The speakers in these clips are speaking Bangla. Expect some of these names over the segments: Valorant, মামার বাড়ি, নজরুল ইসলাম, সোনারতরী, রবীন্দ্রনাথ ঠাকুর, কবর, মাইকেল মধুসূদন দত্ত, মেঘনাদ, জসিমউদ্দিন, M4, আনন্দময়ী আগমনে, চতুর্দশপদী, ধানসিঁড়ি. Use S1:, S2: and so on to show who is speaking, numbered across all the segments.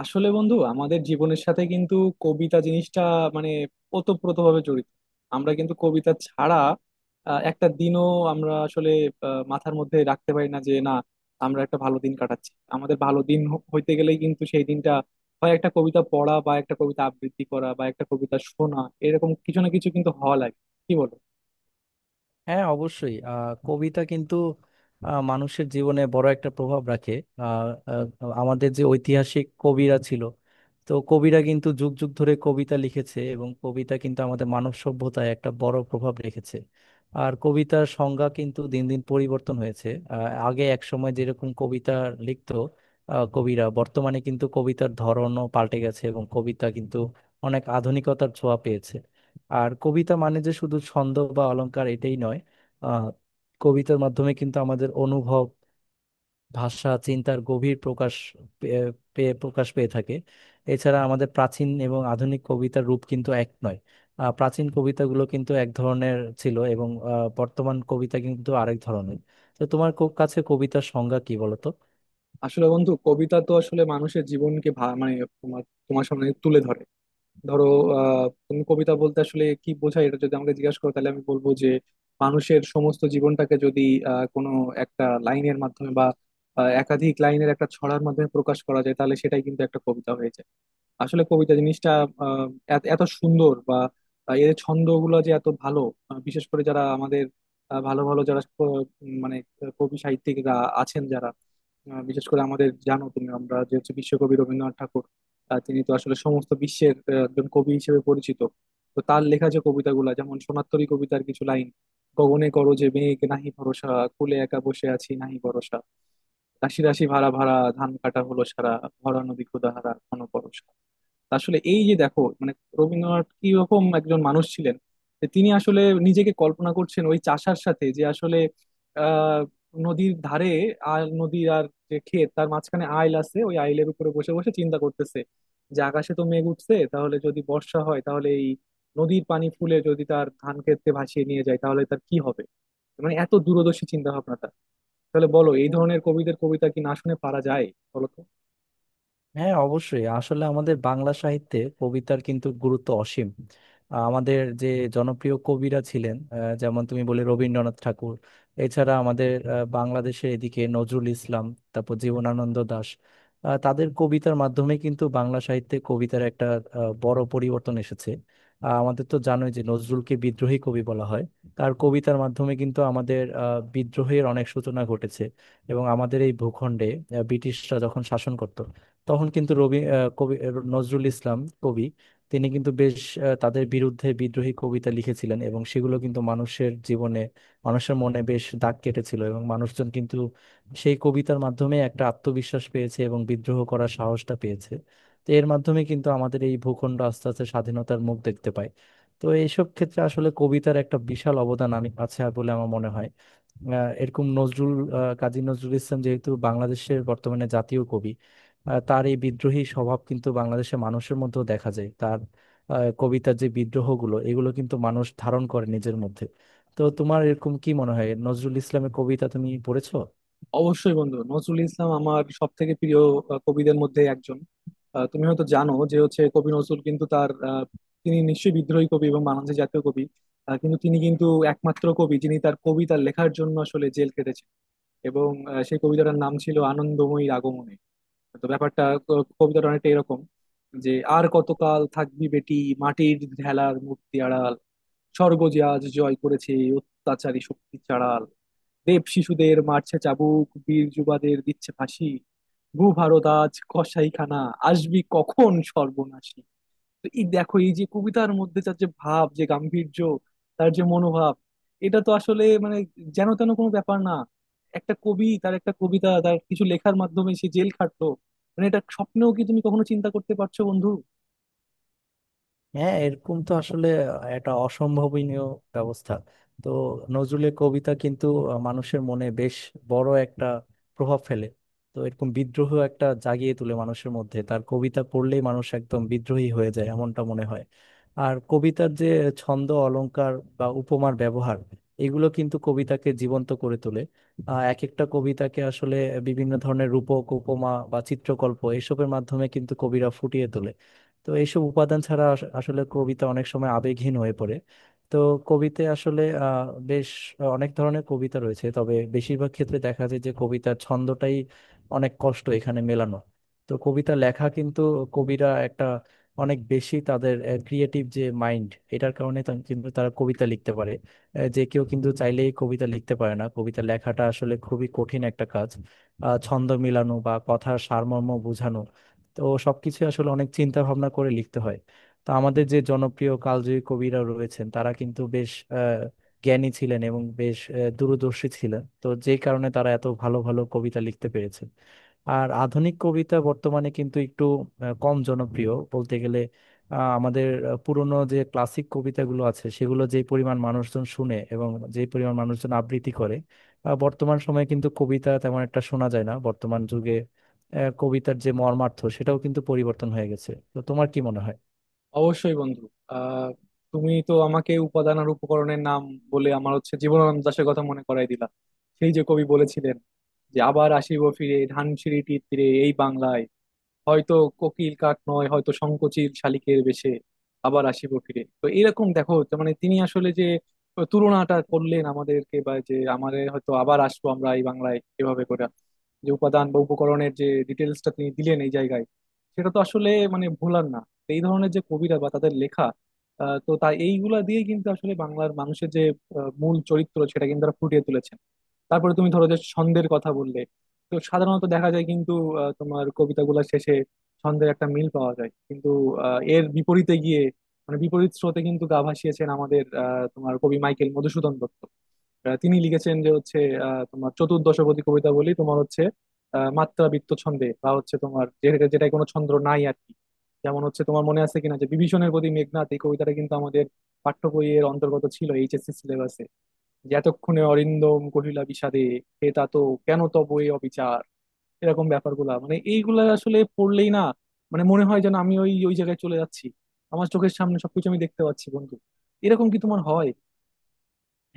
S1: আসলে বন্ধু, আমাদের জীবনের সাথে কিন্তু কবিতা জিনিসটা মানে ওতপ্রোতভাবে জড়িত। আমরা কিন্তু কবিতা ছাড়া একটা দিনও আমরা আসলে মাথার মধ্যে রাখতে পারি না যে না, আমরা একটা ভালো দিন কাটাচ্ছি। আমাদের ভালো দিন হইতে গেলেই কিন্তু সেই দিনটা হয় একটা কবিতা পড়া বা একটা কবিতা আবৃত্তি করা বা একটা কবিতা শোনা, এরকম কিছু না কিছু কিন্তু হওয়া লাগে। কি বলো?
S2: হ্যাঁ, অবশ্যই। কবিতা কিন্তু মানুষের জীবনে বড় একটা প্রভাব রাখে। আহ, আহ, আমাদের যে ঐতিহাসিক কবিরা ছিল, তো কবিরা কিন্তু যুগ যুগ ধরে কবিতা লিখেছে এবং কবিতা কিন্তু আমাদের মানব সভ্যতায় একটা বড় প্রভাব রেখেছে। আর কবিতার সংজ্ঞা কিন্তু দিন দিন পরিবর্তন হয়েছে। আগে এক সময় যেরকম কবিতা লিখতো কবিরা, বর্তমানে কিন্তু কবিতার ধরনও পাল্টে গেছে এবং কবিতা কিন্তু অনেক আধুনিকতার ছোঁয়া পেয়েছে। আর কবিতা মানে যে শুধু ছন্দ বা অলংকার, এটাই নয়। আহ, কবিতার মাধ্যমে কিন্তু আমাদের অনুভব, ভাষা, চিন্তার গভীর প্রকাশ পে- পেয়ে প্রকাশ পেয়ে থাকে। এছাড়া আমাদের প্রাচীন এবং আধুনিক কবিতার রূপ কিন্তু এক নয়। প্রাচীন কবিতাগুলো কিন্তু এক ধরনের ছিল এবং বর্তমান কবিতা কিন্তু আরেক ধরনের। তো তোমার কাছে কবিতার সংজ্ঞা কি, বলো তো।
S1: আসলে বন্ধু, কবিতা তো আসলে মানুষের জীবনকে মানে তোমার তোমার সামনে তুলে ধরে। ধরো, তুমি কবিতা বলতে আসলে কি বোঝায় এটা যদি আমাকে জিজ্ঞাসা করো তাহলে আমি বলবো যে মানুষের সমস্ত জীবনটাকে যদি কোনো একটা লাইনের মাধ্যমে বা একাধিক লাইনের একটা ছড়ার মাধ্যমে প্রকাশ করা যায় তাহলে সেটাই কিন্তু একটা কবিতা হয়ে যায়। আসলে কবিতা জিনিসটা আহ এত এত সুন্দর, বা এর ছন্দগুলো যে এত ভালো। বিশেষ করে যারা আমাদের ভালো ভালো যারা মানে কবি সাহিত্যিকরা আছেন যারা, বিশেষ করে আমাদের, জানো তুমি, আমরা যে হচ্ছে বিশ্বকবি রবীন্দ্রনাথ ঠাকুর। তিনি তো আসলে সমস্ত বিশ্বের একজন কবি হিসেবে পরিচিত। তো তার লেখা যে কবিতাগুলা, যেমন সোনারতরী কবিতার কিছু লাইন: গগনে করো যে মেঘ নাহি ভরসা, কূলে একা বসে আছি নাহি ভরসা, রাশি রাশি ভাড়া ভাড়া ধান কাটা হলো সারা, ভরা নদী ক্ষুধাহারা ঘন পরশা। তা আসলে এই যে দেখো, মানে রবীন্দ্রনাথ কি রকম একজন মানুষ ছিলেন যে তিনি আসলে নিজেকে কল্পনা করছেন ওই চাষার সাথে, যে আসলে আহ নদীর ধারে, আর নদী আর যে ক্ষেত তার মাঝখানে আইল আছে, ওই আইলের উপরে বসে বসে চিন্তা করতেছে যে আকাশে তো মেঘ উঠছে, তাহলে যদি বর্ষা হয় তাহলে এই নদীর পানি ফুলে যদি তার ধান ক্ষেতে ভাসিয়ে নিয়ে যায় তাহলে তার কি হবে। মানে এত দূরদর্শী চিন্তা ভাবনাটা, তাহলে বলো এই ধরনের কবিদের কবিতা কি না শুনে পারা যায়, বলো তো?
S2: হ্যাঁ, অবশ্যই। আসলে আমাদের বাংলা সাহিত্যে কবিতার কিন্তু গুরুত্ব অসীম। আমাদের যে জনপ্রিয় কবিরা ছিলেন, যেমন তুমি বলে রবীন্দ্রনাথ ঠাকুর, এছাড়া আমাদের বাংলাদেশের এদিকে নজরুল ইসলাম, তারপর জীবনানন্দ দাশ। তাদের কবিতার মাধ্যমে কিন্তু বাংলা সাহিত্যে কবিতার একটা বড় পরিবর্তন এসেছে। আমাদের তো জানোই যে নজরুলকে বিদ্রোহী কবি বলা হয়। তার কবিতার মাধ্যমে কিন্তু আমাদের বিদ্রোহের অনেক সূচনা ঘটেছে। এবং আমাদের এই ভূখণ্ডে ব্রিটিশরা যখন শাসন করত, তখন কিন্তু রবি আহ, কবি আহ, নজরুল ইসলাম কবি, তিনি কিন্তু বেশ তাদের বিরুদ্ধে বিদ্রোহী কবিতা লিখেছিলেন এবং সেগুলো কিন্তু মানুষের জীবনে, মানুষের মনে বেশ দাগ কেটেছিল এবং মানুষজন কিন্তু সেই কবিতার মাধ্যমে একটা আত্মবিশ্বাস পেয়েছে এবং বিদ্রোহ করার সাহসটা পেয়েছে। তো এর মাধ্যমে কিন্তু আমাদের এই ভূখণ্ড আস্তে আস্তে স্বাধীনতার মুখ দেখতে পায়। তো এইসব ক্ষেত্রে আসলে কবিতার একটা বিশাল অবদান আমি আছে বলে আমার মনে হয়। এরকম নজরুল, কাজী নজরুল ইসলাম যেহেতু বাংলাদেশের বর্তমানে জাতীয় কবি, তার এই বিদ্রোহী স্বভাব কিন্তু বাংলাদেশের মানুষের মধ্যেও দেখা যায়। তার কবিতার যে বিদ্রোহগুলো, এগুলো কিন্তু মানুষ ধারণ করে নিজের মধ্যে। তো তোমার এরকম কি মনে হয়? নজরুল ইসলামের কবিতা তুমি পড়েছো?
S1: অবশ্যই বন্ধু, নজরুল ইসলাম আমার সব থেকে প্রিয় কবিদের মধ্যে একজন। তুমি হয়তো জানো যে হচ্ছে, কবি নজরুল কিন্তু তার তিনি নিশ্চয়ই বিদ্রোহী কবি এবং বাংলাদেশের জাতীয় কবি। কিন্তু তিনি কিন্তু একমাত্র কবি যিনি তার কবিতা লেখার জন্য আসলে জেল কেটেছেন, এবং সেই কবিতাটার নাম ছিল আনন্দময়ী আগমনে। তো ব্যাপারটা, কবিতাটা অনেকটা এরকম: যে আর কতকাল থাকবি বেটি মাটির ঢেলার মূর্তি আড়াল, স্বর্গ যে আজ জয় করেছে অত্যাচারী শক্তি চাড়াল, রেপ শিশুদের মারছে চাবুক বীর যুবাদের দিচ্ছে ফাঁসি, ভূ ভারত আজ কসাইখানা আসবি কখন সর্বনাশী। তো এই দেখো, এই যে কবিতার মধ্যে তার যে ভাব যে গাম্ভীর্য, তার যে মনোভাব, এটা তো আসলে মানে যেন তেন কোনো ব্যাপার না। একটা কবি তার একটা কবিতা, তার কিছু লেখার মাধ্যমে সে জেল খাটলো, মানে এটা স্বপ্নেও কি তুমি কখনো চিন্তা করতে পারছো বন্ধু?
S2: হ্যাঁ, এরকম তো আসলে একটা অসম্ভাবনীয় ব্যবস্থা। তো নজরুলের কবিতা কিন্তু মানুষের মনে বেশ বড় একটা প্রভাব ফেলে। তো এরকম বিদ্রোহ একটা জাগিয়ে তোলে মানুষের মধ্যে, তার কবিতা পড়লেই মানুষ একদম বিদ্রোহী হয়ে যায় এমনটা মনে হয়। আর কবিতার যে ছন্দ, অলংকার বা উপমার ব্যবহার, এগুলো কিন্তু কবিতাকে জীবন্ত করে তোলে। এক একটা কবিতাকে আসলে বিভিন্ন ধরনের রূপক, উপমা বা চিত্রকল্প এসবের মাধ্যমে কিন্তু কবিরা ফুটিয়ে তোলে। তো এইসব উপাদান ছাড়া আসলে কবিতা অনেক সময় আবেগহীন হয়ে পড়ে। তো কবিতে আসলে বেশ অনেক ধরনের কবিতা রয়েছে, তবে বেশিরভাগ ক্ষেত্রে দেখা যায় যে কবিতার ছন্দটাই অনেক কষ্ট এখানে মেলানো। তো কবিতা লেখা কিন্তু, কবিরা একটা অনেক বেশি তাদের ক্রিয়েটিভ যে মাইন্ড, এটার কারণে কিন্তু তারা কবিতা লিখতে পারে। যে কেউ কিন্তু চাইলেই কবিতা লিখতে পারে না, কবিতা লেখাটা আসলে খুবই কঠিন একটা কাজ। ছন্দ মিলানো বা কথার সারমর্ম বোঝানো, তো সবকিছু আসলে অনেক চিন্তা ভাবনা করে লিখতে হয়। তো আমাদের যে জনপ্রিয় কালজয়ী কবিরা রয়েছেন, তারা কিন্তু বেশ আহ, জ্ঞানী ছিলেন এবং বেশ দূরদর্শী ছিলেন, তো যে কারণে তারা এত ভালো ভালো কবিতা লিখতে পেরেছেন। আর আধুনিক কবিতা বর্তমানে কিন্তু একটু কম জনপ্রিয় বলতে গেলে। পুরনো যে ক্লাসিক কবিতাগুলো আছে সেগুলো যে পরিমাণ মানুষজন শুনে এবং যে পরিমাণ মানুষজন আবৃত্তি করে, বর্তমান সময়ে কিন্তু কবিতা তেমন একটা শোনা যায় না। বর্তমান যুগে কবিতার যে মর্মার্থ সেটাও কিন্তু পরিবর্তন হয়ে গেছে। তো তোমার কি মনে হয়?
S1: অবশ্যই বন্ধু, আহ তুমি তো আমাকে উপাদান আর উপকরণের নাম বলে আমার হচ্ছে জীবনানন্দ দাশের কথা মনে করাই দিলা। সেই যে কবি বলেছিলেন যে আবার আসিব ফিরে ধানসিঁড়িটির তীরে এই বাংলায়, হয়তো কোকিল কাক নয় হয়তো সংকোচিল শালিকের বেশে আবার আসিব ফিরে। তো এরকম দেখো, যে মানে তিনি আসলে যে তুলনাটা করলেন আমাদেরকে, বা যে আমাদের হয়তো আবার আসবো আমরা এই বাংলায় এভাবে করে, যে উপাদান বা উপকরণের যে ডিটেলসটা তিনি দিলেন এই জায়গায়, সেটা তো আসলে মানে ভোলার না। তো এই ধরনের যে কবিরা বা তাদের লেখা, তো তাই এইগুলা দিয়ে কিন্তু আসলে বাংলার মানুষের যে মূল চরিত্র সেটা কিন্তু তারা ফুটিয়ে তুলেছেন। তারপরে তুমি ধরো যে ছন্দের কথা বললে, তো সাধারণত দেখা যায় কিন্তু তোমার কবিতাগুলোর শেষে ছন্দের একটা মিল পাওয়া যায়, কিন্তু এর বিপরীতে গিয়ে মানে বিপরীত স্রোতে কিন্তু গা ভাসিয়েছেন আমাদের তোমার কবি মাইকেল মধুসূদন দত্ত। তিনি লিখেছেন যে হচ্ছে তোমার চতুর্দশপদী কবিতা, বলি তোমার হচ্ছে মাত্রাবৃত্ত ছন্দে, বা হচ্ছে তোমার যেটা যেটা কোনো ছন্দ নাই আর কি। যেমন হচ্ছে, তোমার মনে আছে কিনা যে বিভীষণের প্রতি মেঘনাদ, এই কবিতাটা কিন্তু আমাদের পাঠ্য বইয়ের অন্তর্গত ছিল HSC সিলেবাসে। যে এতক্ষণে অরিন্দম কহিলা বিষাদে হে তা তো, কেন তব এ অবিচার। এরকম ব্যাপারগুলা মানে এইগুলা আসলে পড়লেই না, মানে মনে হয় যেন আমি ওই ওই জায়গায় চলে যাচ্ছি, আমার চোখের সামনে সবকিছু আমি দেখতে পাচ্ছি বন্ধু। এরকম কি তোমার হয়?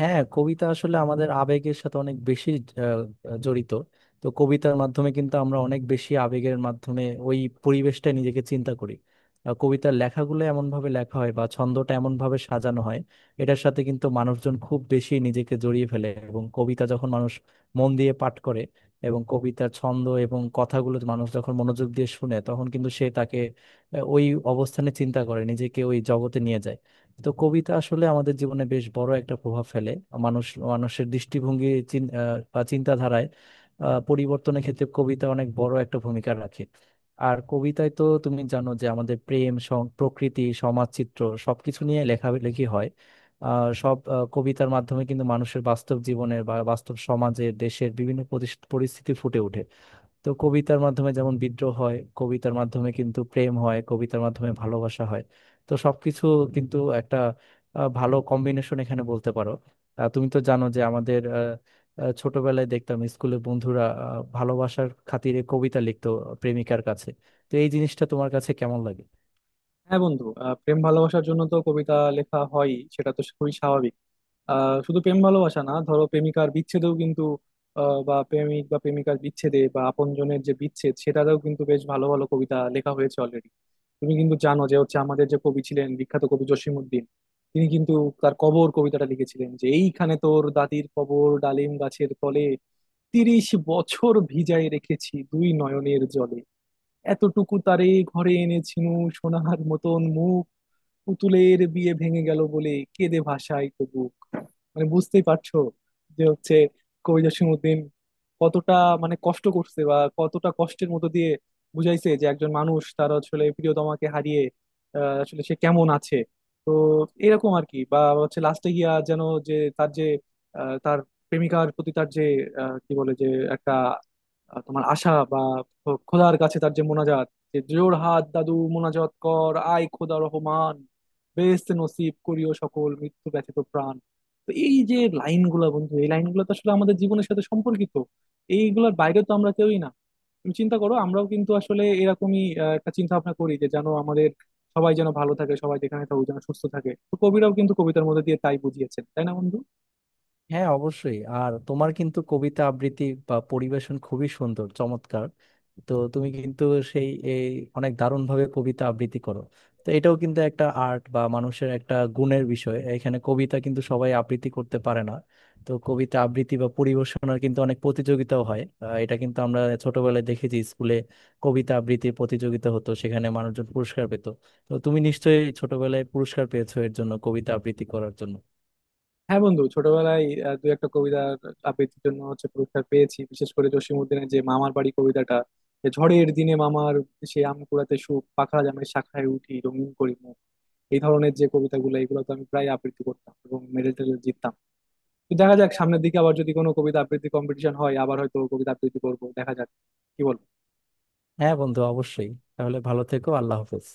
S2: হ্যাঁ, কবিতা আসলে আমাদের আবেগের সাথে অনেক বেশি জড়িত। তো কবিতার মাধ্যমে কিন্তু আমরা অনেক বেশি আবেগের মাধ্যমে ওই পরিবেশটা নিজেকে চিন্তা করি। কবিতার লেখাগুলো এমন ভাবে লেখা হয় বা ছন্দটা এমন ভাবে সাজানো হয়, এটার সাথে কিন্তু মানুষজন খুব বেশি নিজেকে জড়িয়ে ফেলে। এবং কবিতা যখন মানুষ মন দিয়ে পাঠ করে এবং কবিতার ছন্দ এবং কথাগুলো মানুষ যখন মনোযোগ দিয়ে শুনে, তখন কিন্তু সে তাকে ওই অবস্থানে চিন্তা করে নিজেকে ওই জগতে নিয়ে যায়। তো কবিতা আসলে আমাদের জীবনে বেশ বড় একটা প্রভাব ফেলে। মানুষ, মানুষের দৃষ্টিভঙ্গি বা চিন্তাধারায় পরিবর্তনের ক্ষেত্রে কবিতা অনেক বড় একটা ভূমিকা রাখে। আর কবিতায় তো তুমি জানো যে আমাদের প্রকৃতি, সমাজচিত্র, সবকিছু নিয়ে লেখালেখি হয়। কবিতার মাধ্যমে কিন্তু মানুষের বাস্তব জীবনের বা বাস্তব সমাজের, দেশের বিভিন্ন পরিস্থিতি ফুটে ওঠে। তো কবিতার মাধ্যমে যেমন বিদ্রোহ হয়, কবিতার মাধ্যমে কিন্তু প্রেম হয়, কবিতার মাধ্যমে ভালোবাসা হয়। তো সবকিছু কিন্তু একটা ভালো কম্বিনেশন এখানে বলতে পারো। তুমি তো জানো যে আমাদের আহ, আহ, ছোটবেলায় দেখতাম স্কুলে বন্ধুরা ভালোবাসার খাতিরে কবিতা লিখতো প্রেমিকার কাছে। তো এই জিনিসটা তোমার কাছে কেমন লাগে?
S1: হ্যাঁ বন্ধু, প্রেম ভালোবাসার জন্য তো কবিতা লেখা হয়, সেটা তো খুবই স্বাভাবিক। শুধু প্রেম ভালোবাসা না, ধরো প্রেমিকার বিচ্ছেদেও কিন্তু, বা প্রেমিক বা প্রেমিকার বিচ্ছেদে বা আপনজনের যে বিচ্ছেদ সেটাতেও কিন্তু বেশ ভালো ভালো কবিতা লেখা হয়েছে অলরেডি। তুমি কিন্তু জানো যে হচ্ছে আমাদের যে কবি ছিলেন বিখ্যাত কবি জসিমউদ্দিন, তিনি কিন্তু তার কবর কবিতাটা লিখেছিলেন: যে এইখানে তোর দাদির কবর ডালিম গাছের তলে, 30 বছর ভিজায় রেখেছি দুই নয়নের জলে, এতটুকু তারে ঘরে এনেছিনু সোনার মতন মুখ, পুতুলের বিয়ে ভেঙে গেল বলে কেঁদে ভাসায় তো বুক। মানে বুঝতেই পারছো যে হচ্ছে কবি জসিমউদ্দিন কতটা মানে কষ্ট করছে, বা কতটা কষ্টের মতো দিয়ে বুঝাইছে যে একজন মানুষ তার আসলে প্রিয়তমাকে হারিয়ে আসলে সে কেমন আছে। তো এরকম আর কি, বা হচ্ছে লাস্টে গিয়া যেন, যে তার যে তার প্রেমিকার প্রতি তার যে কি বলে যে একটা তোমার আশা, বা খোদার কাছে তার যে মোনাজাত, যে জোর হাত দাদু মোনাজাত কর আয় খোদা রহমান, বেহেশতে নসিব করিও সকল মৃত্যু ব্যতীত প্রাণ। তো এই যে লাইনগুলা বন্ধু, এই লাইনগুলো তো আসলে আমাদের জীবনের সাথে সম্পর্কিত, এইগুলোর বাইরে তো আমরা কেউই না। তুমি চিন্তা করো, আমরাও কিন্তু আসলে এরকমই একটা চিন্তা ভাবনা করি যে যেন আমাদের সবাই যেন ভালো থাকে, সবাই যেখানে থাকুক যেন সুস্থ থাকে। তো কবিরাও কিন্তু কবিতার মধ্যে দিয়ে তাই বুঝিয়েছেন, তাই না বন্ধু?
S2: হ্যাঁ, অবশ্যই। আর তোমার কিন্তু কবিতা আবৃত্তি বা পরিবেশন খুবই সুন্দর, চমৎকার। তো তুমি কিন্তু সেই এই অনেক দারুণ ভাবে কবিতা আবৃত্তি করো। তো এটাও কিন্তু একটা আর্ট বা মানুষের একটা গুণের বিষয়, এখানে কবিতা কিন্তু সবাই আবৃত্তি করতে পারে না। তো কবিতা আবৃত্তি বা পরিবেশনার কিন্তু অনেক প্রতিযোগিতাও হয়। এটা কিন্তু আমরা ছোটবেলায় দেখেছি স্কুলে কবিতা আবৃত্তির প্রতিযোগিতা হতো, সেখানে মানুষজন পুরস্কার পেত। তো তুমি নিশ্চয়ই ছোটবেলায় পুরস্কার পেয়েছো এর জন্য, কবিতা আবৃত্তি করার জন্য?
S1: হ্যাঁ বন্ধু, ছোটবেলায় দু একটা কবিতার আবৃত্তির জন্য হচ্ছে পুরস্কার পেয়েছি, বিশেষ করে জসীমউদ্দিনের যে মামার বাড়ি কবিতাটা: যে ঝড়ের দিনে মামার সে আম কুড়াতে সুখ, পাখা জামের শাখায় উঠি রঙিন করি মুখ। এই ধরনের যে কবিতাগুলো এগুলো তো আমি প্রায় আবৃত্তি করতাম এবং মেডেল টেডেল জিততাম। তো দেখা যাক, সামনের দিকে আবার যদি কোনো কবিতা আবৃত্তি কম্পিটিশন হয় আবার হয়তো কবিতা আবৃত্তি করবো। দেখা যাক, কি বল?
S2: হ্যাঁ বন্ধু, অবশ্যই। তাহলে ভালো থেকো, আল্লাহ হাফেজ।